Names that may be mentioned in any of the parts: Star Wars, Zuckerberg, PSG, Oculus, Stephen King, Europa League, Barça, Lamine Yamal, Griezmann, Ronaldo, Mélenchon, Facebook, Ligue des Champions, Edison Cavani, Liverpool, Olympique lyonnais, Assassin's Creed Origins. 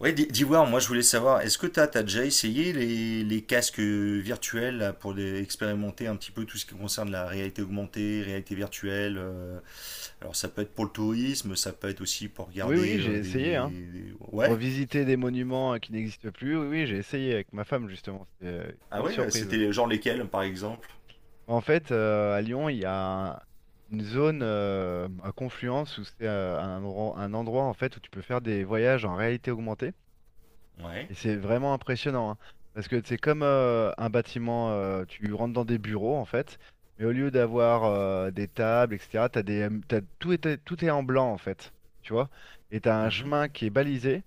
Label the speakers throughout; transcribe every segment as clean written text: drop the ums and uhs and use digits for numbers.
Speaker 1: Ouais, d'Ivoire, moi je voulais savoir, est-ce que t'as déjà essayé les casques virtuels là, pour expérimenter un petit peu tout ce qui concerne la réalité augmentée, réalité virtuelle. Alors ça peut être pour le tourisme, ça peut être aussi pour
Speaker 2: Oui,
Speaker 1: regarder
Speaker 2: oui, j'ai essayé, hein. Pour
Speaker 1: Ouais?
Speaker 2: visiter des monuments qui n'existent plus, oui, oui, j'ai essayé avec ma femme, justement. C'était une
Speaker 1: Ah
Speaker 2: bonne
Speaker 1: ouais,
Speaker 2: surprise.
Speaker 1: c'était genre lesquels par exemple?
Speaker 2: En fait, à Lyon, il y a un- une zone à confluence où c'est un endroit en fait où tu peux faire des voyages en réalité augmentée.
Speaker 1: Ouais.
Speaker 2: Et c'est vraiment impressionnant, hein, parce que c'est comme un bâtiment, tu rentres dans des bureaux, en fait, mais au lieu d'avoir des tables, etc., tout est en blanc, en fait. Tu vois? Et tu as un chemin qui est balisé.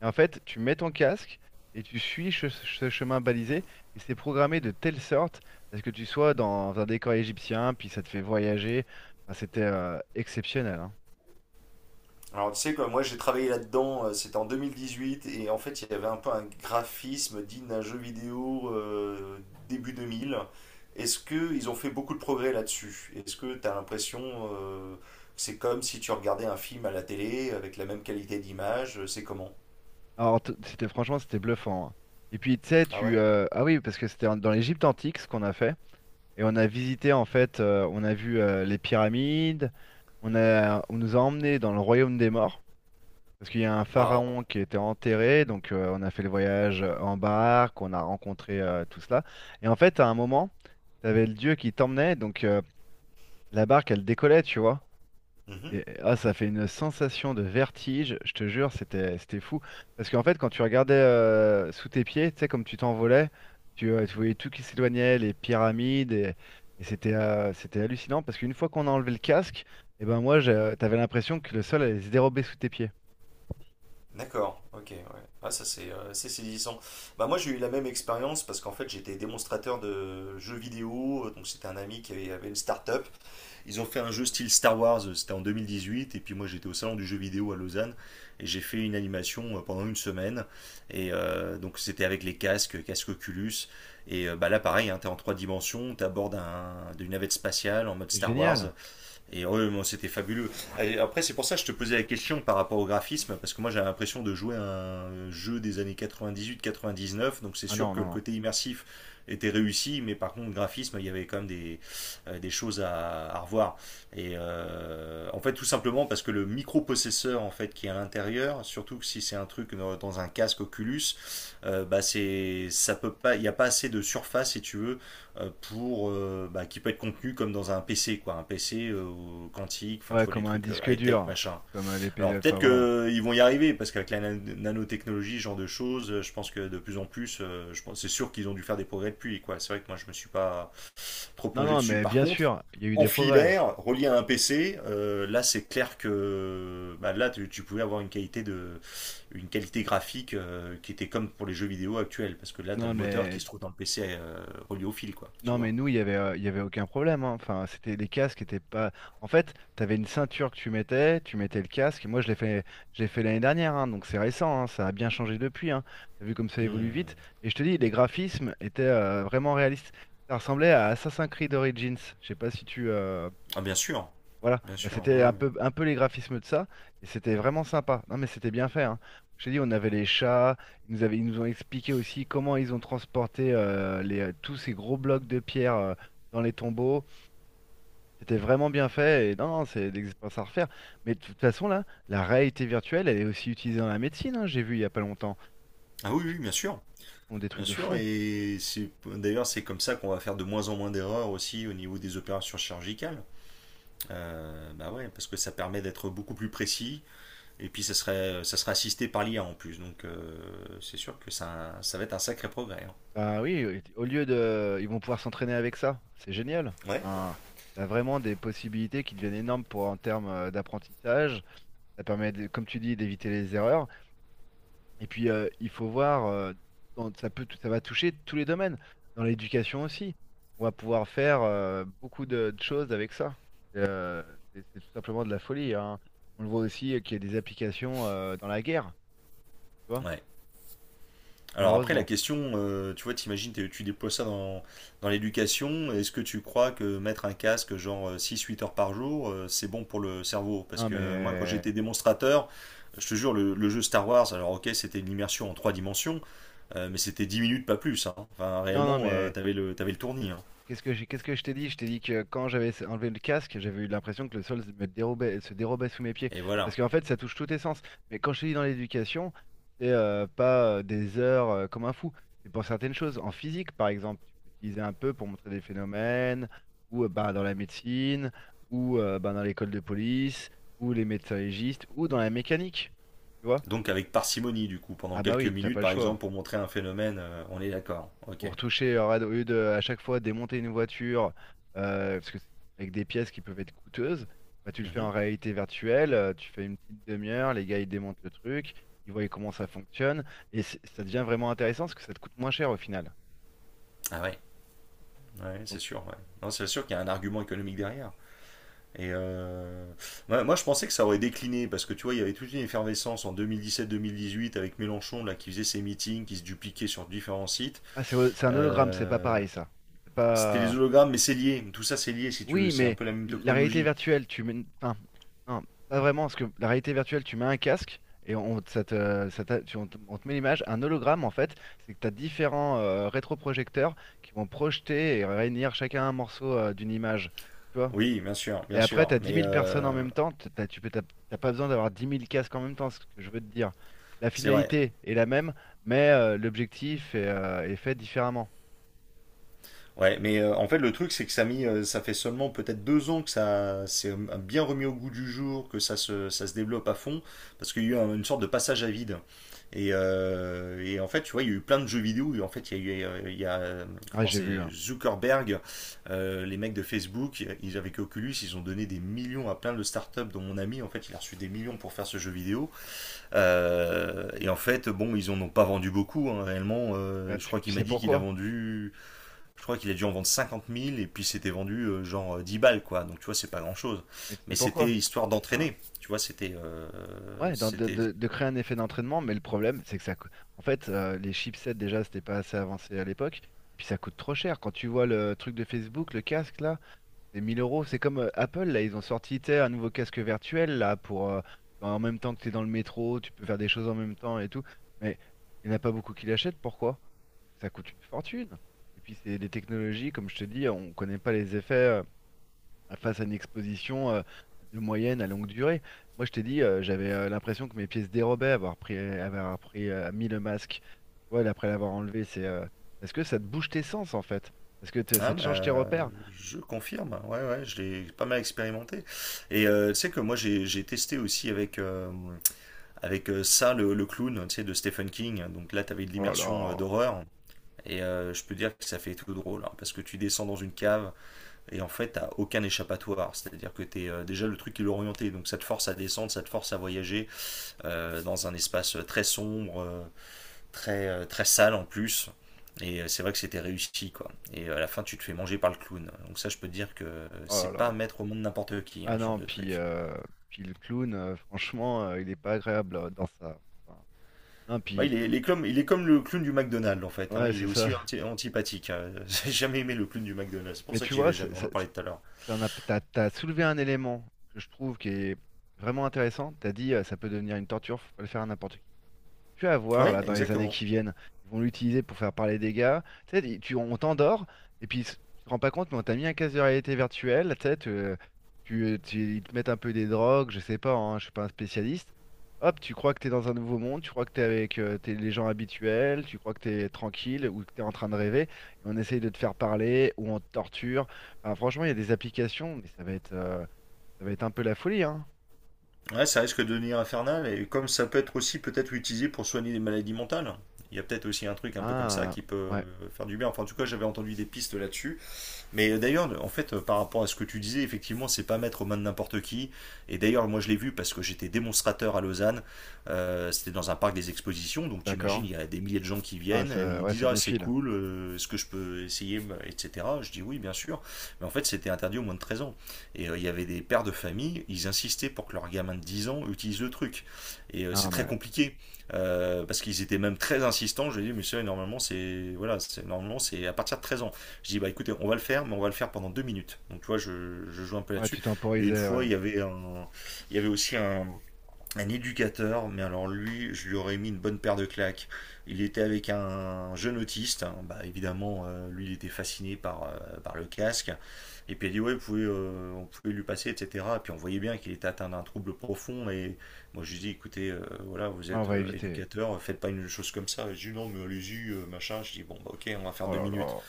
Speaker 2: Et en fait, tu mets ton casque et tu suis ce chemin balisé et c'est programmé de telle sorte à ce que tu sois dans un décor égyptien, puis ça te fait voyager. Enfin, c'était exceptionnel, hein.
Speaker 1: Alors tu sais quoi, moi j'ai travaillé là-dedans, c'était en 2018 et en fait il y avait un peu un graphisme digne d'un jeu vidéo, début 2000. Est-ce que ils ont fait beaucoup de progrès là-dessus? Est-ce que tu as l'impression que c'est comme si tu regardais un film à la télé avec la même qualité d'image, c'est comment?
Speaker 2: Alors, c'était franchement, c'était bluffant, hein. Et puis, tu sais,
Speaker 1: Ah
Speaker 2: tu
Speaker 1: ouais?
Speaker 2: ah oui, parce que c'était dans l'Égypte antique ce qu'on a fait et on a visité en fait, on a vu les pyramides, on nous a emmenés dans le royaume des morts. Parce qu'il y a un
Speaker 1: Waouh.
Speaker 2: pharaon qui était enterré, donc on a fait le voyage en barque, on a rencontré tout cela. Et en fait, à un moment, tu avais le dieu qui t'emmenait, donc la barque, elle décollait, tu vois.
Speaker 1: Mhm,
Speaker 2: Et ah, ça fait une sensation de vertige, je te jure, c'était fou. Parce qu'en fait, quand tu regardais sous tes pieds, tu sais, comme tu t'envolais, tu
Speaker 1: mhm.
Speaker 2: voyais tout qui s'éloignait, les pyramides, et c'était c'était hallucinant. Parce qu'une fois qu'on a enlevé le casque, et ben moi, t'avais l'impression que le sol allait se dérober sous tes pieds.
Speaker 1: D'accord, ok, ouais. Ah, ça c'est saisissant. Bah moi j'ai eu la même expérience parce qu'en fait j'étais démonstrateur de jeux vidéo, donc c'était un ami qui avait une start-up. Ils ont fait un jeu style Star Wars, c'était en 2018, et puis moi j'étais au salon du jeu vidéo à Lausanne, et j'ai fait une animation pendant une semaine, donc c'était avec les casques, casque Oculus, bah là pareil, hein, tu es en trois dimensions, tu abordes une navette spatiale en mode
Speaker 2: C'est
Speaker 1: Star Wars,
Speaker 2: génial.
Speaker 1: et ouais, bon, c'était fabuleux. Et après, c'est pour ça que je te posais la question par rapport au graphisme, parce que moi j'avais l'impression de jouer à un jeu des années quatre-vingt-dix-huit, quatre-vingt-dix-neuf. Donc c'est
Speaker 2: Ah
Speaker 1: sûr
Speaker 2: non,
Speaker 1: que
Speaker 2: non,
Speaker 1: le
Speaker 2: non.
Speaker 1: côté immersif était réussi, mais par contre, le graphisme, il y avait quand même des choses à revoir. En fait, tout simplement parce que le microprocesseur en fait, qui est à l'intérieur, surtout que si c'est un truc dans un casque Oculus, bah c'est, ça peut pas, il n'y a pas assez de surface, si tu veux, qui peut être contenu comme dans un PC quoi, un PC quantique, enfin tu
Speaker 2: Ouais,
Speaker 1: vois les
Speaker 2: comme un
Speaker 1: trucs
Speaker 2: disque
Speaker 1: high tech
Speaker 2: dur,
Speaker 1: machin.
Speaker 2: comme les P D
Speaker 1: Alors
Speaker 2: F,
Speaker 1: peut-être
Speaker 2: enfin voilà.
Speaker 1: qu'ils vont y arriver parce qu'avec la nanotechnologie, ce genre de choses, je pense que de plus en plus, je pense c'est sûr qu'ils ont dû faire des progrès depuis quoi. C'est vrai que moi je me suis pas trop
Speaker 2: Non,
Speaker 1: plongé
Speaker 2: non,
Speaker 1: dessus.
Speaker 2: mais
Speaker 1: Par
Speaker 2: bien
Speaker 1: contre,
Speaker 2: sûr, il y a eu
Speaker 1: en
Speaker 2: des progrès.
Speaker 1: filaire, relié à un PC, là c'est clair que bah, là tu pouvais avoir une qualité graphique qui était comme pour les jeux vidéo actuels parce que là tu as
Speaker 2: Non,
Speaker 1: le moteur qui
Speaker 2: mais,
Speaker 1: se trouve dans le PC, relié au fil quoi, tu
Speaker 2: non, mais
Speaker 1: vois.
Speaker 2: nous, il y avait aucun problème, hein. Enfin, c'était, les casques étaient pas. En fait, tu avais une ceinture que tu mettais le casque. Et moi, je l'ai fait l'année dernière, hein, donc c'est récent, hein, ça a bien changé depuis, hein. T'as vu comme ça évolue
Speaker 1: Hmm.
Speaker 2: vite. Et je te dis, les graphismes étaient vraiment réalistes. Ça ressemblait à Assassin's Creed Origins. Je sais pas si
Speaker 1: Ah, bien sûr,
Speaker 2: voilà,
Speaker 1: bien
Speaker 2: bah,
Speaker 1: sûr, ouais,
Speaker 2: c'était
Speaker 1: ouais.
Speaker 2: un peu les graphismes de ça, et c'était vraiment sympa. Non, mais c'était bien fait, hein. Je t'ai dit, on avait les chats, ils nous ont expliqué aussi comment ils ont transporté tous ces gros blocs de pierre dans les tombeaux. C'était vraiment bien fait, et non, non, c'est des expériences à refaire. Mais de toute façon, là, la réalité virtuelle, elle est aussi utilisée dans la médecine, hein, j'ai vu il y a pas longtemps.
Speaker 1: Ah oui, oui, bien sûr,
Speaker 2: Ils font des trucs
Speaker 1: bien
Speaker 2: de
Speaker 1: sûr.
Speaker 2: fou.
Speaker 1: Et c'est d'ailleurs c'est comme ça qu'on va faire de moins en moins d'erreurs aussi au niveau des opérations chirurgicales. Bah ouais, parce que ça permet d'être beaucoup plus précis. Et puis ça serait assisté par l'IA en plus. Donc c'est sûr que ça va être un sacré progrès, hein.
Speaker 2: Bah oui, au lieu de... Ils vont pouvoir s'entraîner avec ça, c'est génial.
Speaker 1: Ouais.
Speaker 2: Hein, t'as vraiment des possibilités qui deviennent énormes pour en termes d'apprentissage. Ça permet, comme tu dis, d'éviter les erreurs. Et puis, il faut voir, ça peut, ça va toucher tous les domaines, dans l'éducation aussi. On va pouvoir faire beaucoup de choses avec ça. Euh, c'est tout simplement de la folie, hein. On le voit aussi qu'il y a des applications dans la guerre, tu vois,
Speaker 1: Ouais. Alors après, la
Speaker 2: malheureusement.
Speaker 1: question, tu vois, t'imagines, tu déploies ça dans l'éducation, est-ce que tu crois que mettre un casque genre six huit heures par jour, c'est bon pour le cerveau? Parce
Speaker 2: Non,
Speaker 1: que moi, quand j'étais
Speaker 2: mais
Speaker 1: démonstrateur, je te jure, le jeu Star Wars, alors ok, c'était une immersion en trois dimensions, mais c'était 10 minutes, pas plus, hein. Enfin,
Speaker 2: non, non,
Speaker 1: réellement,
Speaker 2: mais
Speaker 1: t'avais le tournis, hein.
Speaker 2: Qu'est-ce que qu'est-ce que je t'ai dit? Je t'ai dit que quand j'avais enlevé le casque, j'avais eu l'impression que le sol se me dérobait, se dérobait sous mes pieds.
Speaker 1: Et
Speaker 2: Parce
Speaker 1: voilà.
Speaker 2: qu'en fait, ça touche tous tes sens. Mais quand je te dis dans l'éducation, c'est pas des heures comme un fou. C'est pour certaines choses. En physique, par exemple, tu peux utiliser un peu pour montrer des phénomènes, ou bah, dans la médecine, ou bah, dans l'école de police, ou les médecins légistes, ou dans la mécanique. Tu vois?
Speaker 1: Donc avec parcimonie, du coup,
Speaker 2: Ah
Speaker 1: pendant
Speaker 2: bah
Speaker 1: quelques
Speaker 2: oui, t'as
Speaker 1: minutes,
Speaker 2: pas le
Speaker 1: par
Speaker 2: choix,
Speaker 1: exemple, pour montrer un phénomène, on est d'accord, ok.
Speaker 2: pour toucher, au lieu de à chaque fois démonter une voiture, parce que c'est avec des pièces qui peuvent être coûteuses, bah, tu le fais
Speaker 1: Mhm.
Speaker 2: en réalité virtuelle, tu fais une petite demi-heure, les gars ils démontent le truc, ils voient comment ça fonctionne, et ça devient vraiment intéressant parce que ça te coûte moins cher au final.
Speaker 1: Ah ouais, ouais, c'est
Speaker 2: Donc,
Speaker 1: sûr, ouais. Non, c'est
Speaker 2: donc-
Speaker 1: sûr qu'il y a un argument économique derrière. Et euh, je pensais que ça aurait décliné parce que tu vois, il y avait toute une effervescence en deux mille dix-sept, 2018 avec Mélenchon là, qui faisait ses meetings, qui se dupliquait sur différents sites.
Speaker 2: ah, c'est un hologramme, c'est pas
Speaker 1: Euh,
Speaker 2: pareil ça. C'est
Speaker 1: c'était les
Speaker 2: pas.
Speaker 1: hologrammes, mais c'est lié. Tout ça, c'est lié si tu veux.
Speaker 2: Oui,
Speaker 1: C'est un
Speaker 2: mais
Speaker 1: peu la même
Speaker 2: la réalité
Speaker 1: technologie.
Speaker 2: virtuelle, tu mets... Enfin, non, pas vraiment, parce que la réalité virtuelle, tu mets un casque et on te met l'image. Un hologramme, en fait, c'est que tu as différents rétroprojecteurs qui vont projeter et réunir chacun un morceau d'une image. Tu vois?
Speaker 1: Oui, bien sûr,
Speaker 2: Et
Speaker 1: bien
Speaker 2: après, tu
Speaker 1: sûr.
Speaker 2: as 10
Speaker 1: Mais
Speaker 2: 000 personnes en même temps. T'as- tu peux, t'as t'as pas besoin d'avoir 10 000 casques en même temps, c'est ce que je veux te dire. La
Speaker 1: c'est vrai.
Speaker 2: finalité est la même, mais l'objectif est, est fait différemment.
Speaker 1: Ouais, mais en fait, le truc, c'est que ça, a mis, ça fait seulement peut-être 2 ans que ça s'est bien remis au goût du jour, que ça se développe à fond, parce qu'il y a eu une sorte de passage à vide. En fait, tu vois, il y a eu plein de jeux vidéo. Et en fait, il y a eu, il y a,
Speaker 2: Ouais,
Speaker 1: comment
Speaker 2: j'ai
Speaker 1: c'est,
Speaker 2: vu, hein.
Speaker 1: Zuckerberg, les mecs de Facebook, ils, avec Oculus, ils ont donné des millions à plein de startups, dont mon ami, en fait, il a reçu des millions pour faire ce jeu vidéo. En fait, bon, ils en ont pas vendu beaucoup, hein, réellement.
Speaker 2: Bah, tu, tu sais pourquoi?
Speaker 1: Je crois qu'il a dû en vendre 50 000 et puis c'était vendu genre 10 balles quoi. Donc tu vois, c'est pas grand chose.
Speaker 2: Mais tu sais
Speaker 1: Mais c'était
Speaker 2: pourquoi?
Speaker 1: histoire
Speaker 2: Enfin,
Speaker 1: d'entraîner. Tu vois, c'était.
Speaker 2: Ouais,
Speaker 1: C'était.
Speaker 2: de créer un effet d'entraînement, mais le problème, c'est en fait, les chipsets, déjà, c'était pas assez avancé à l'époque. Et puis, ça coûte trop cher. Quand tu vois le truc de Facebook, le casque, là, c'est 1000 euros. C'est comme Apple, là, ils ont sorti, tu sais, un nouveau casque virtuel, là, pour. En même temps que tu es dans le métro, tu peux faire des choses en même temps et tout. Mais il n'y en a pas beaucoup qui l'achètent. Pourquoi? Ça coûte une fortune. Et puis, c'est des technologies, comme je te dis, on connaît pas les effets, face à une exposition de moyenne à longue durée. Moi, je t'ai dit, j'avais l'impression que mes pieds se dérobaient, avoir pris, mis le masque, tu vois, et après l'avoir enlevé, c'est parce que ça te bouge tes sens en fait, parce que
Speaker 1: Ah,
Speaker 2: ça te change tes
Speaker 1: bah,
Speaker 2: repères.
Speaker 1: je confirme. Ouais, ouais, je l'ai pas mal expérimenté. Tu sais que moi, j'ai testé aussi avec ça, le clown, tu sais, de Stephen King. Donc là, t'avais de
Speaker 2: Oh là
Speaker 1: l'immersion
Speaker 2: là,
Speaker 1: d'horreur. Je peux dire que ça fait tout drôle, hein, parce que tu descends dans une cave, et en fait, t'as aucun échappatoire. C'est-à-dire que t'es déjà le truc qui est orienté. Donc ça te force à descendre, ça te force à voyager dans un espace très sombre, très, très sale en plus. C'est vrai que c'était réussi, quoi. À la fin, tu te fais manger par le clown. Donc ça, je peux te dire que
Speaker 2: oh là
Speaker 1: c'est pas à
Speaker 2: là.
Speaker 1: mettre au monde n'importe qui, hein,
Speaker 2: Ah
Speaker 1: ce genre
Speaker 2: non,
Speaker 1: de
Speaker 2: puis,
Speaker 1: truc.
Speaker 2: puis le clown, franchement, il est pas agréable dans ça. Enfin, non,
Speaker 1: Bah,
Speaker 2: puis
Speaker 1: il est,
Speaker 2: tu,
Speaker 1: il est comme, il est comme le clown du McDonald's, en fait, hein.
Speaker 2: ouais,
Speaker 1: Il est
Speaker 2: c'est ça.
Speaker 1: aussi antipathique, hein. J'ai jamais aimé le clown du McDonald's. C'est pour
Speaker 2: Mais
Speaker 1: ça
Speaker 2: tu
Speaker 1: que j'y
Speaker 2: vois,
Speaker 1: vais jamais. On en parlait tout à l'heure.
Speaker 2: t'en as, t'as soulevé un élément que je trouve qui est vraiment intéressant. T'as dit, ça peut devenir une torture, faut pas le faire à n'importe, tu vas voir,
Speaker 1: Ouais,
Speaker 2: là, dans les années
Speaker 1: exactement.
Speaker 2: qui viennent, ils vont l'utiliser pour faire parler des gars. Tu sais, on t'endort, et puis tu te rends pas compte, mais on t'a mis un casque de réalité virtuelle, tu sais, ils te mettent un peu des drogues, je sais pas, hein, je suis pas un spécialiste. Hop, tu crois que t'es dans un nouveau monde, tu crois que t'es avec t'es les gens habituels, tu crois que t'es tranquille ou que t'es en train de rêver, et on essaye de te faire parler, ou on te torture. Enfin, franchement, il y a des applications, mais ça va être un peu la folie, hein.
Speaker 1: Ouais, ça risque de devenir infernal, et comme ça peut être aussi peut-être utilisé pour soigner des maladies mentales, il y a peut-être aussi un truc un peu comme ça
Speaker 2: Ah,
Speaker 1: qui peut
Speaker 2: ouais,
Speaker 1: faire du bien. Enfin, en tout cas, j'avais entendu des pistes là-dessus. Mais d'ailleurs, en fait, par rapport à ce que tu disais, effectivement, c'est pas mettre aux mains de n'importe qui. Et d'ailleurs, moi, je l'ai vu parce que j'étais démonstrateur à Lausanne. C'était dans un parc des expositions, donc t'imagines,
Speaker 2: d'accord.
Speaker 1: il y a des milliers de gens qui
Speaker 2: Ah,
Speaker 1: viennent, et
Speaker 2: ça,
Speaker 1: ils
Speaker 2: ouais,
Speaker 1: disent
Speaker 2: ça
Speaker 1: ah c'est
Speaker 2: défile.
Speaker 1: cool, est-ce que je peux essayer, etc. Je dis oui, bien sûr. Mais en fait, c'était interdit au moins de 13 ans. Il y avait des pères de famille, ils insistaient pour que leur gamin de 10 ans utilise le truc. C'est
Speaker 2: Non,
Speaker 1: très
Speaker 2: mais...
Speaker 1: compliqué, parce qu'ils étaient même très insistants, je lui ai dit, mais ça, normalement, c'est voilà, normalement, c'est à partir de 13 ans. Je dis, bah écoutez, on va le faire, mais on va le faire pendant 2 minutes. Donc tu vois, je joue un peu
Speaker 2: Ouais,
Speaker 1: là-dessus.
Speaker 2: tu
Speaker 1: Et une
Speaker 2: temporisais, ouais.
Speaker 1: fois,
Speaker 2: Ouais,
Speaker 1: il y avait, un, il y avait aussi un éducateur, mais alors lui, je lui aurais mis une bonne paire de claques. Il était avec un jeune autiste, hein, bah, évidemment, lui, il était fasciné par le casque. Et puis il a dit, ouais, vous pouvez, on pouvait lui passer, etc. Et puis on voyait bien qu'il était atteint d'un trouble profond. Et moi, je lui dis, écoutez, voilà, vous
Speaker 2: on
Speaker 1: êtes
Speaker 2: va éviter.
Speaker 1: éducateur, faites pas une chose comme ça. Je dis, non, mais allez-y, machin. Je dis, bon, bah, ok, on va faire
Speaker 2: Oh
Speaker 1: deux
Speaker 2: là
Speaker 1: minutes.
Speaker 2: là.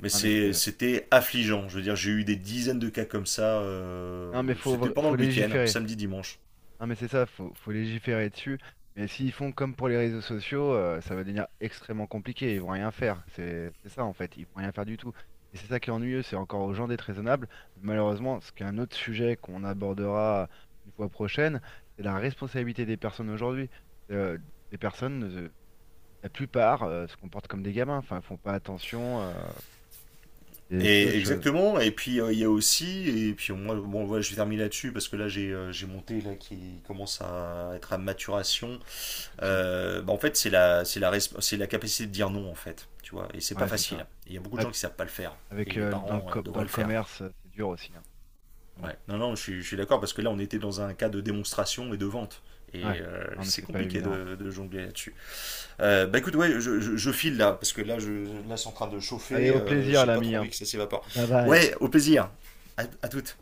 Speaker 1: Mais
Speaker 2: Non, mais c'est...
Speaker 1: c'était affligeant. Je veux dire, j'ai eu des dizaines de cas comme ça,
Speaker 2: Non, mais
Speaker 1: c'était pendant
Speaker 2: faut
Speaker 1: le week-end,
Speaker 2: légiférer.
Speaker 1: samedi, dimanche.
Speaker 2: Non, mais c'est ça, faut légiférer dessus. Mais s'ils font comme pour les réseaux sociaux, ça va devenir extrêmement compliqué. Ils vont rien faire. C'est ça, en fait. Ils vont rien faire du tout. Et c'est ça qui est ennuyeux. C'est encore aux gens d'être raisonnables. Malheureusement, ce qui est un autre sujet qu'on abordera une fois prochaine, c'est la responsabilité des personnes aujourd'hui. Euh, des personnes, la plupart, se comportent comme des gamins. Enfin, ils font pas attention, et c'est
Speaker 1: Et
Speaker 2: autre chose.
Speaker 1: exactement. Et puis il y a aussi, et puis moi, bon, voilà, je vais terminer là-dessus parce que là j'ai mon thé là qui commence à être à maturation.
Speaker 2: Pas de souci.
Speaker 1: Bah, en fait, c'est la capacité de dire non en fait, tu vois. Et c'est pas
Speaker 2: Ouais, c'est
Speaker 1: facile.
Speaker 2: ça.
Speaker 1: Il y a beaucoup de
Speaker 2: Là,
Speaker 1: gens qui savent pas le faire.
Speaker 2: avec
Speaker 1: Et les parents
Speaker 2: dans
Speaker 1: devraient
Speaker 2: le
Speaker 1: le faire.
Speaker 2: commerce, c'est dur aussi, hein. Ah bon.
Speaker 1: Ouais. Non, non, je suis d'accord parce que là on était dans un cas de démonstration et de vente.
Speaker 2: Ouais. Non, mais
Speaker 1: C'est
Speaker 2: c'est pas
Speaker 1: compliqué
Speaker 2: évident.
Speaker 1: de jongler là-dessus. Bah écoute, ouais, je file là, parce que là, c'est en train de
Speaker 2: Allez,
Speaker 1: chauffer,
Speaker 2: au plaisir,
Speaker 1: j'ai pas
Speaker 2: l'ami,
Speaker 1: trop envie
Speaker 2: hein.
Speaker 1: que ça s'évapore.
Speaker 2: Bye bye.
Speaker 1: Ouais, au plaisir. À toutes.